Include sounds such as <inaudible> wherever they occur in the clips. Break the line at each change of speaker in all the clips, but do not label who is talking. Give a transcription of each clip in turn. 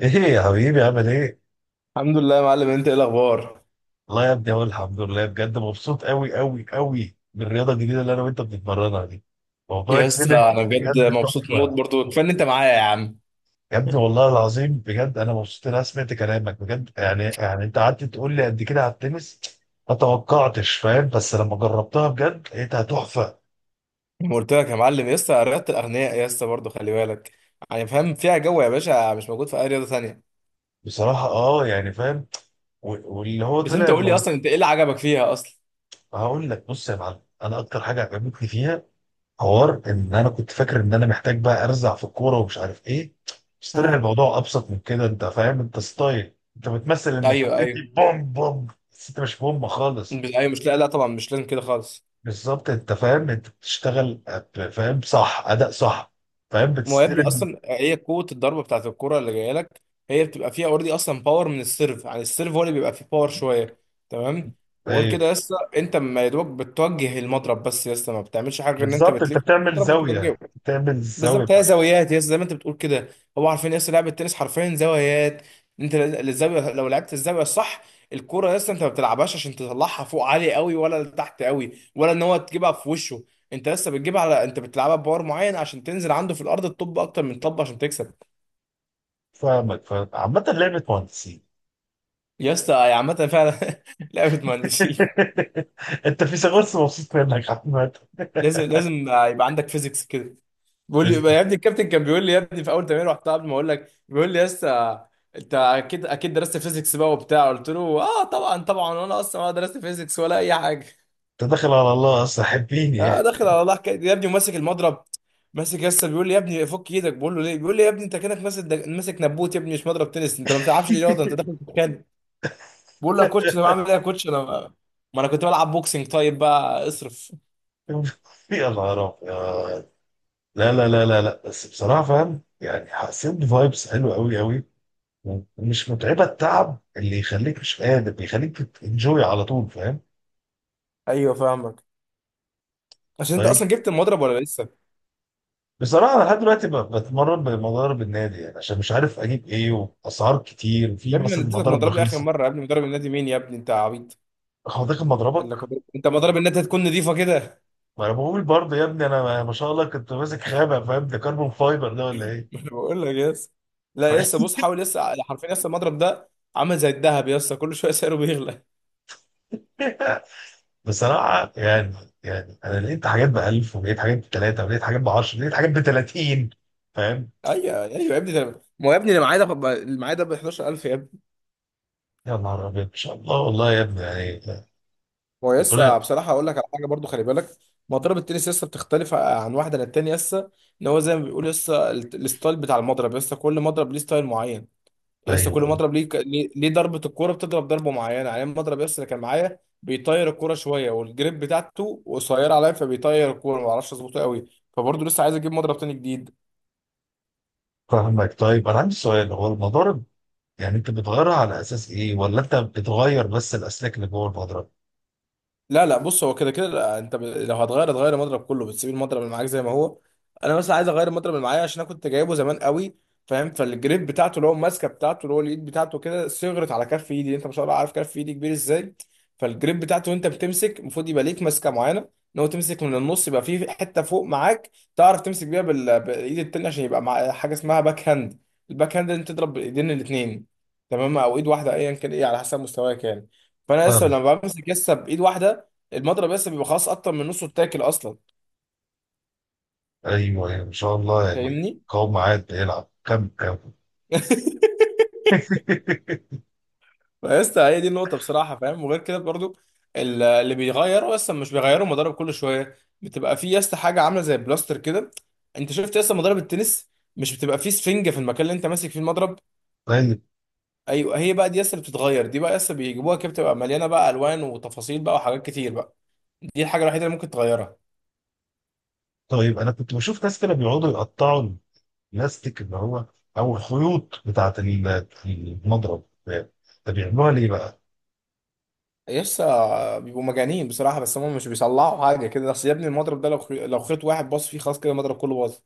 ايه يا حبيبي عامل ايه؟
الحمد لله يا معلم، انت ايه الاخبار؟
والله يا ابني اقول الحمد لله بجد مبسوط قوي قوي قوي بالرياضه الجديده اللي انا وانت بنتمرنها دي. موضوع
يا
التنس
اسطى انا الحمد بجد
بجد
مبسوط موت،
تحفه.
برضو كفايه ان انت معايا يا عم.
يا ابني والله العظيم بجد انا مبسوط ان انا سمعت كلامك بجد يعني انت قعدت تقول لي قد كده على التنس. ما توقعتش فاهم، بس لما جربتها بجد لقيتها تحفه.
ما قلت لك يا معلم، يا اسطى رياضه الاغنياء يا اسطى، برضو خلي بالك. يعني فاهم فيها جو يا باشا مش موجود في اي رياضه ثانيه.
بصراحه اه يعني فاهم و- واللي هو
بس
طلع
انت قول لي
الموضوع.
اصلا، انت ايه اللي عجبك فيها اصلا؟
هقول لك بص يا معلم، انا اكتر حاجه عجبتني فيها حوار ان انا كنت فاكر ان انا محتاج بقى ارزع في الكوره ومش عارف ايه. بس طلع
لله.
الموضوع ابسط من كده، انت فاهم انت ستايل، انت بتمثل انك
ايوه
بتدي
ايوه
بوم بوم بس انت مش بوم خالص.
ايوه مش، لا لا طبعا مش لازم كده خالص.
بالظبط، انت فاهم انت بتشتغل فاهم، صح، اداء صح. فاهم
ما هو يا ابني
بتستلم.
اصلا هي قوه الضربه بتاعت الكره اللي جايه لك، هي بتبقى فيها اوريدي اصلا باور من السيرف. يعني السيرف هو اللي بيبقى فيه باور شويه. تمام. وغير
أيوة.
كده لسه انت ما يا دوبك بتوجه المضرب، بس لسه ما بتعملش حاجه غير ان انت
بالظبط انت
بتلف
بتعمل
المضرب وتوجهه.
زاويه، بتعمل الزاويه
بالظبط هي
بتاعتك.
زاويات، يا زي ما انت بتقول كده. هو عارفين يا اسطى لعبه التنس حرفيا زوايات. انت الزاويه لو لعبت الزاويه الصح، الكوره يا اسطى انت ما بتلعبهاش عشان تطلعها فوق عالي قوي، ولا لتحت قوي، ولا ان هو تجيبها في وشه. انت لسه بتجيبها على، انت بتلعبها بباور معين عشان تنزل عنده في الارض، الطب اكتر من طب عشان تكسب.
فاهمك، فاهم، عامه لعبه مهندسين.
يا اسطى، يا عامه فعلا <laughs> لعبه مهندسين.
<laughs> انت في سغرس مبسوط منك عامه.
لازم لازم يبقى عندك فيزيكس كده. بيقول لي
في-
يا ابني الكابتن، كان بيقول لي يا ابني في اول تمرين، رحتها قبل ما اقول لك، بيقول لي يا اسطى انت اكيد اكيد درست فيزيكس بقى وبتاع. قلت له اه طبعا طبعا، وانا اصلا ولا درست فيزيكس ولا اي حاجه.
انت داخل على الله اصلا حبيني
اه
يعني.
داخل على الله حكايه يا ابني وماسك المضرب. ماسك يا اسطى، بيقول لي يا ابني فك ايدك. بقول له ليه؟ بيقول لي يا ابني انت كانك ماسك ماسك نبوت يا ابني، مش مضرب تنس. انت ما بتلعبش رياضه، انت داخل تتخانق. بقول له يا كوتش انا بعمل ايه يا كوتش، انا ما انا كنت بلعب بوكسنج، طيب بقى اصرف.
<laughs> يا نهار ابيض. لا لا لا لا لا، بس بصراحه فاهم، يعني حسيت بفايبس حلوه قوي قوي. ومش متعبه، التعب اللي يخليك مش قادر، بيخليك تنجوي على طول، فاهم؟
ايوه فاهمك. عشان انت
طيب،
اصلا جبت المضرب ولا لسه؟
بصراحه انا لحد دلوقتي بتمرن بمضارب النادي يعني عشان مش عارف اجيب ايه. واسعار كتير
يا
في
ابني انا
مثلا
اديتك
مضارب
مضربي اخر
رخيصه.
مره يا ابني، مضرب النادي مين يا ابني، انت عبيط!
هو ده كان مضربك؟
قال لك انت مضرب النادي هتكون نظيفه كده <laughs>
ما انا بقول برضه يا ابني، انا ما شاء الله كنت ماسك خامه، فاهم، ده كربون فايبر ده ولا ايه؟
ما انا بقول لك يس
ف...
لا يس بص حاول يس حرفيا يس المضرب ده عامل زي الذهب يس كل شويه سعره بيغلى <laughs>
<laughs> بصراحة يعني، يعني أنا لقيت حاجات بألف، ولقيت حاجات بتلاتة، ولقيت حاجات بعشرة، ولقيت حاجات بتلاتين. فاهم؟
ايوه يا ابني ده، ما هو يا ابني اللي معايا ده اللي معايا ده ب 11,000 يا ابني.
يا نهار أبيض، إن شاء الله، والله يا ابني يعني.
هو يس
ربنا.
بصراحه، اقول لك على حاجه برضو خلي بالك. مضرب التنس يس بتختلف عن واحده للتانيه. يس ان هو زي ما بيقول يس الستايل بتاع المضرب. يس كل مضرب ليه ستايل معين. يا اسطى
أيوه
كل
أيوه.
مضرب ليه ضربه الكوره بتضرب ضربه معينه. يعني المضرب يا اسطى اللي كان معايا بيطير الكوره شويه، والجريب بتاعته قصيره عليا، فبيطير الكوره ما اعرفش اظبطه قوي. فبرضه لسه عايز اجيب مضرب تاني جديد.
فاهمك. طيب أنا عندي سؤال، هو المضارب يعني أنت بتغيرها على أساس إيه، ولا أنت بتغير بس الأسلاك اللي جوه المضرب؟
لا لا بص، هو كده كده لا، انت لو هتغير هتغير المضرب كله، بتسيب المضرب اللي معاك زي ما هو. انا مثلا عايز اغير المضرب اللي معايا عشان انا كنت جايبه زمان قوي، فاهم، فالجريب بتاعته اللي هو الماسكه بتاعته اللي هو اليد بتاعته كده صغرت على كف ايدي. انت ما شاء الله عارف كف ايدي كبير ازاي. فالجريب بتاعته، وانت بتمسك المفروض يبقى ليك ماسكه معينه، ان هو تمسك من النص يبقى في حته فوق معاك تعرف تمسك بيها بالايد التانيه، عشان يبقى مع حاجه اسمها باك هاند. الباك هاند انت تضرب بالايدين الاثنين، تمام، او ايد واحده ايا كان ايه، على حسب مستواك يعني. فانا لسه
فاهم.
لما بمسك لسه بايد واحده المضرب، بس بيبقى خلاص اكتر من نصه اتاكل اصلا.
أيوه أيوه، إن شاء الله يعني،
فاهمني.
قوم عاد بيلعب كم كم.
<laughs>
<laughs>
بس هي دي النقطة بصراحة، فاهم. وغير كده برضو اللي بيغيروا اصلا، مش بيغيروا مضارب، كل شوية بتبقى في يس عاملة عاملة زي بلاستر كده. انت شفت يس مضارب التنس مش بتبقى فيه سفنجة في المكان اللي انت ماسك فيه المضرب؟
طيب،
ايوه، هي بقى دي يس اللي بتتغير دي بقى. يس بيجيبوها كده بتبقى مليانة بقى الوان وتفاصيل بقى وحاجات كتير بقى. دي الحاجة الوحيدة اللي ممكن تغيرها.
طيب أنا كنت بشوف ناس كده بيقعدوا يقطعوا بلاستيك اللي هو، او الخيوط بتاعت المضرب ده، بيعملوها ليه بقى؟
يسا بيبقوا مجانين بصراحة، بس هم مش بيصلحوا حاجة كده. بس يا ابني المضرب ده لو لو خيط واحد باص فيه، خلاص كده المضرب كله باظ.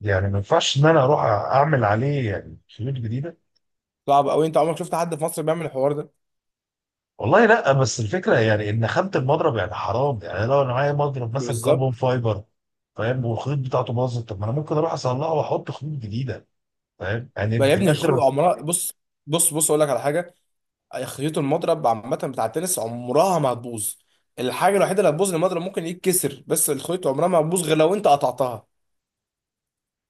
يعني ما ينفعش ان انا اروح اعمل عليه يعني خيوط جديده.
صعب قوي، انت عمرك شفت حد في مصر بيعمل الحوار ده؟
والله لا، بس الفكره يعني ان خامه المضرب يعني حرام، يعني لو انا معايا مضرب مثلا كربون
بالظبط.
فايبر، فاهم، والخيوط بتاعته باظت، طب ما انا ممكن اروح اصلحه واحط خيوط جديده، فاهم
ما
يعني
يا
في
ابني
الاخر.
عمرها، بص، بص اقول لك على حاجة. خيوط المضرب عامة بتاع التنس عمرها ما هتبوظ. الحاجة الوحيدة اللي هتبوظ المضرب ممكن يتكسر، بس الخيط عمرها ما هتبوظ غير لو انت قطعتها.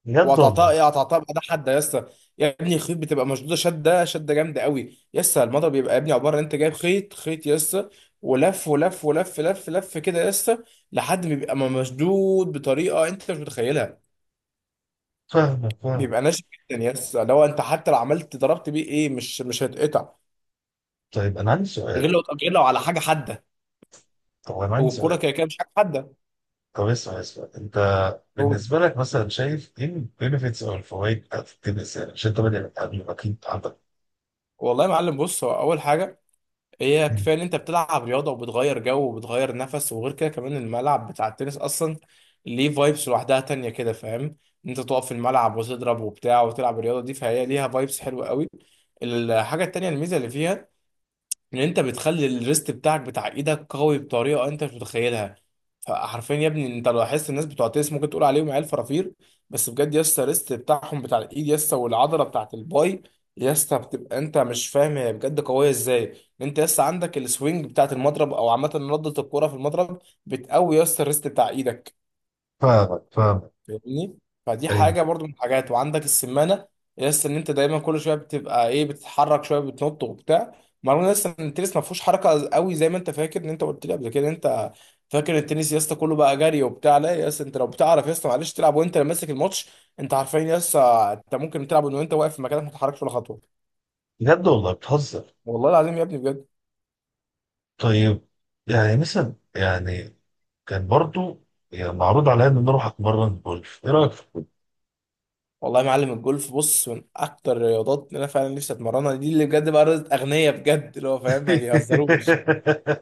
بجد
وقطعتها
والله؟
ايه؟ قطعتها بعدها حده يا اسطى. يا ابني الخيوط بتبقى مشدوده شده شده جامده قوي يا اسطى. الموضوع بيبقى يا ابني عباره ان انت جايب خيط خيط يا اسطى، ولف ولف ولف لف لف كده يا اسطى، لحد ما بيبقى مشدود بطريقه انت مش متخيلها.
فاهمك، فاهم.
بيبقى ناشف جدا يا اسطى، لو انت حتى لو عملت ضربت بيه ايه مش هيتقطع،
طيب انا عندي
غير
سؤال،
لو، غير لو على حاجه حاده.
طب انا عندي
والكوره
سؤال،
كده كده مش حاجه حاده.
طب اسمع اسمع انت،
هو
بالنسبه لك مثلا شايف ايه البينفيتس او الفوائد بتاعت التنس، يعني عشان انت بادئ قبل، ما اكيد عندك.
والله يا معلم بص، هو اول حاجه هي كفايه ان انت بتلعب رياضه، وبتغير جو، وبتغير نفس. وغير كده كمان الملعب بتاع التنس اصلا ليه فايبس لوحدها تانية كده، فاهم، ان انت تقف في الملعب وتضرب وبتاع وتلعب الرياضه دي، فهي ليها فايبس حلوه قوي. الحاجه التانية الميزه اللي فيها ان انت بتخلي الريست بتاعك بتاع ايدك قوي بطريقه انت مش متخيلها. فحرفيا يا ابني انت لو لاحظت الناس بتوع التنس ممكن تقول عليهم عيال فرافير، بس بجد يا اسطى الريست بتاعهم بتاع الايد يا اسطى، والعضله بتاعت الباي يا اسطى، بتبقى انت مش فاهم هي بجد قويه ازاي. انت يا اسطى عندك السوينج بتاعت المضرب، او عامه ردة الكوره في المضرب بتقوي يا اسطى الريست بتاع ايدك.
فاهمك، فاهمك.
فاهمني. فدي
يعني
حاجه برضو من الحاجات، وعندك السمانه لسه ان انت دايما كل شويه بتبقى ايه بتتحرك شويه بتنط وبتاع. مرة لسه ان التنس ما فيهوش حركه قوي زي ما انت فاكر ان انت قلت لي قبل كده، إن انت فاكر التنس يا اسطى كله بقى جري وبتاع. لا يا اسطى، انت لو بتعرف يا اسطى معلش تلعب وانت اللي ماسك الماتش، انت عارفين يا اسطى، انت ممكن تلعب وانت واقف في مكانك ما تتحركش ولا خطوه.
بجد، والله بتهزر؟
والله العظيم يا ابني بجد.
طيب، يعني مثلا يعني كان برضو يعني معروض عليا ان انا اروح اتمرن جولف، ايه رايك؟ <laughs>
والله يا معلم الجولف بص من اكتر الرياضات اللي انا فعلا نفسي اتمرنها، دي اللي بجد بقى رياضه اغنياء بجد، اللي هو فاهم ما بيهزروش.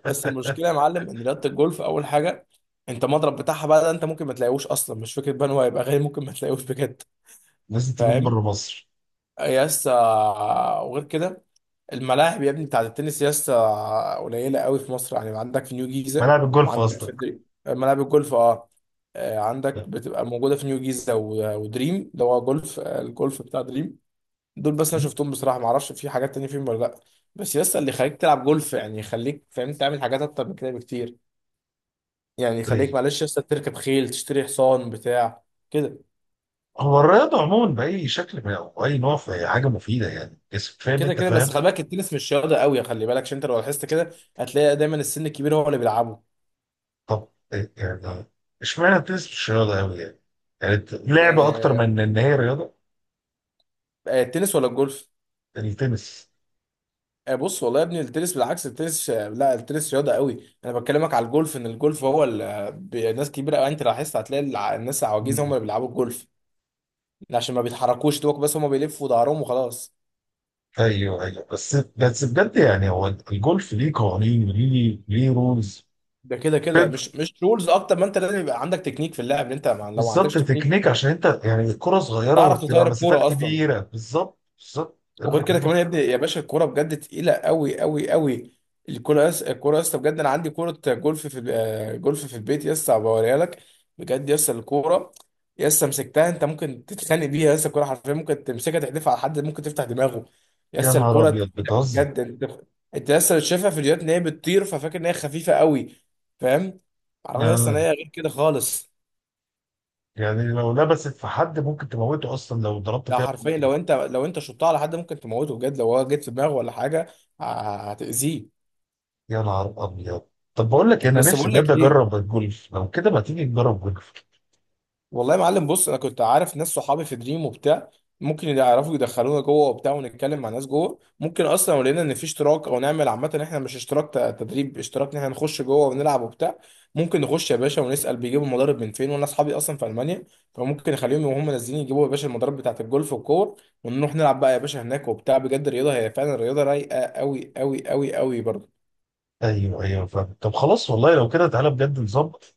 بس المشكله يا معلم ان رياضه الجولف اول حاجه، انت المضرب بتاعها بقى ده انت ممكن ما تلاقيهوش اصلا. مش فكره بان هو هيبقى غالي، ممكن ما تلاقيهوش بجد.
لازم تكون
فاهم.
بره مصر.
يس وغير كده الملاعب يا ابني بتاعت التنس يس قليله قوي في مصر. يعني عندك في نيو جيزه،
ملاعب الجولف
وعندك في
قصدك.
دريم ملاعب الجولف اه. عندك بتبقى موجوده في نيو جيزه ودريم اللي هو جولف، الجولف بتاع دريم. دول بس انا
مم.
شفتهم بصراحه، ما اعرفش في حاجات تانية فيهم ولا لا. بس يس اللي يخليك تلعب جولف يعني يخليك فاهم تعمل حاجات اكتر من كده بكتير. يعني خليك
طيب،
معلش لسه تركب خيل، تشتري حصان بتاع كده.
هو الرياضة عموما بأي شكل من، أو أي نوع، في حاجة مفيدة يعني جسم، فاهم
كده
أنت،
كده بس
فاهم.
خلي بالك، التنس مش رياضه قوي. خلي بالك عشان انت لو لاحظت كده هتلاقي دايما السن الكبير هو اللي بيلعبه.
طب إيه، يعني اشمعنى التنس مش رياضة أوي يعني؟ يعني لعبة أكتر
آه،
من إن هي رياضة.
التنس ولا الجولف؟
يعني التنس.
بص والله يا ابني التنس بالعكس، التنس لا التنس رياضه قوي، انا بكلمك على الجولف ان الجولف هو ناس كبيره قوي. انت لاحظت هتلاقي الناس العواجيز هم
مم.
اللي بيلعبوا الجولف، عشان ما بيتحركوش دوك، بس هم بيلفوا ظهرهم وخلاص.
أيوه أيوه، بس بس بجد يعني هو الجولف ليه قوانين، ليه، ليه رولز.
ده كده كده مش رولز، اكتر ما انت لازم يبقى عندك تكنيك في اللعب. انت لو ما عندكش
بالظبط،
تكنيك
تكنيك، عشان أنت يعني الكرة صغيرة
تعرف
وبتبقى
تطير
مسافات
الكوره اصلا.
كبيرة، بالظبط بالظبط، أنا
وغير كده
بكلمك.
كمان يا ابني يا باشا الكوره بجد تقيله قوي قوي قوي. الكوره يا اسطى بجد، انا عندي كوره جولف في جولف في البيت يا اسطى، بوريها لك. بجد يا اسطى الكوره يا اسطى مسكتها، انت ممكن تتخانق بيها يا اسطى. الكوره حرفيا ممكن تمسكها تحدفها على حد ممكن تفتح دماغه. يا
يا
اسطى
نهار
الكوره
أبيض،
تقيله
بتهزر.
بجد. انت، انت يا اسطى شايفها في فيديوهات ان هي بتطير ففاكر ان هي خفيفه قوي، فاهم، رغم يا اسطى ان
آه.
هي غير كده خالص.
يعني لو لبست في حد ممكن تموته أصلا لو ضربت
ده
فيها
حرفيا
بالمضرب.
لو انت، لو انت شطها على حد ممكن تموته بجد، لو هو جيت في دماغه ولا حاجه ه- هتأذيه.
يا نهار ابيض. طب بقول لك إيه، انا
بس
نفسي
بقول
بجد
لك ايه،
اجرب الجولف، لو كده ما تيجي نجرب جولف.
والله يا معلم بص انا كنت عارف ناس صحابي في دريم وبتاع، ممكن يعرفوا يدخلونا جوه وبتاع ونتكلم مع ناس جوه. ممكن اصلا لو لقينا ان في اشتراك، او نعمل عامه إن احنا مش اشتراك تدريب، اشتراك ان احنا نخش جوه ونلعب وبتاع. ممكن نخش يا باشا ونسال بيجيبوا المضارب من فين، وانا اصحابي اصلا في المانيا، فممكن نخليهم وهم نازلين يجيبوا يا باشا المضارب بتاعت الجولف والكور، ونروح نلعب بقى يا باشا هناك وبتاع. بجد الرياضه هي فعلا الرياضه رايقه قوي قوي قوي قوي برضه.
ايوه ايوه فاهم، طب خلاص والله لو كده تعالى بجد نظبط،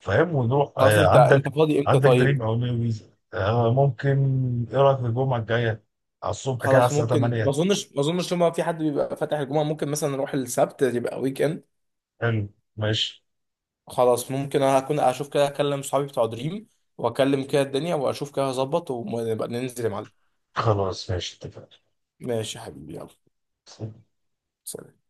فاهم، ونروح
خلاص،
آه،
انت انت
عندك،
فاضي امتى
عندك دريم
طيب؟
او نيو ويزا آه ممكن. ايه رايك في الجمعه الجايه، على الصبح كده على
خلاص
الساعه
ممكن، ما
8.
اظنش ما اظنش لما في حد بيبقى فاتح الجمعه، ممكن مثلا نروح السبت يبقى ويك اند.
حلو. ماشي.
خلاص ممكن انا هكون اشوف كده، اكلم صحابي بتوع دريم واكلم كده الدنيا واشوف كده هظبط، ونبقى ننزل يا معلم.
خلاص ماشي، اتفقنا.
ماشي يا حبيبي، يلا سلام.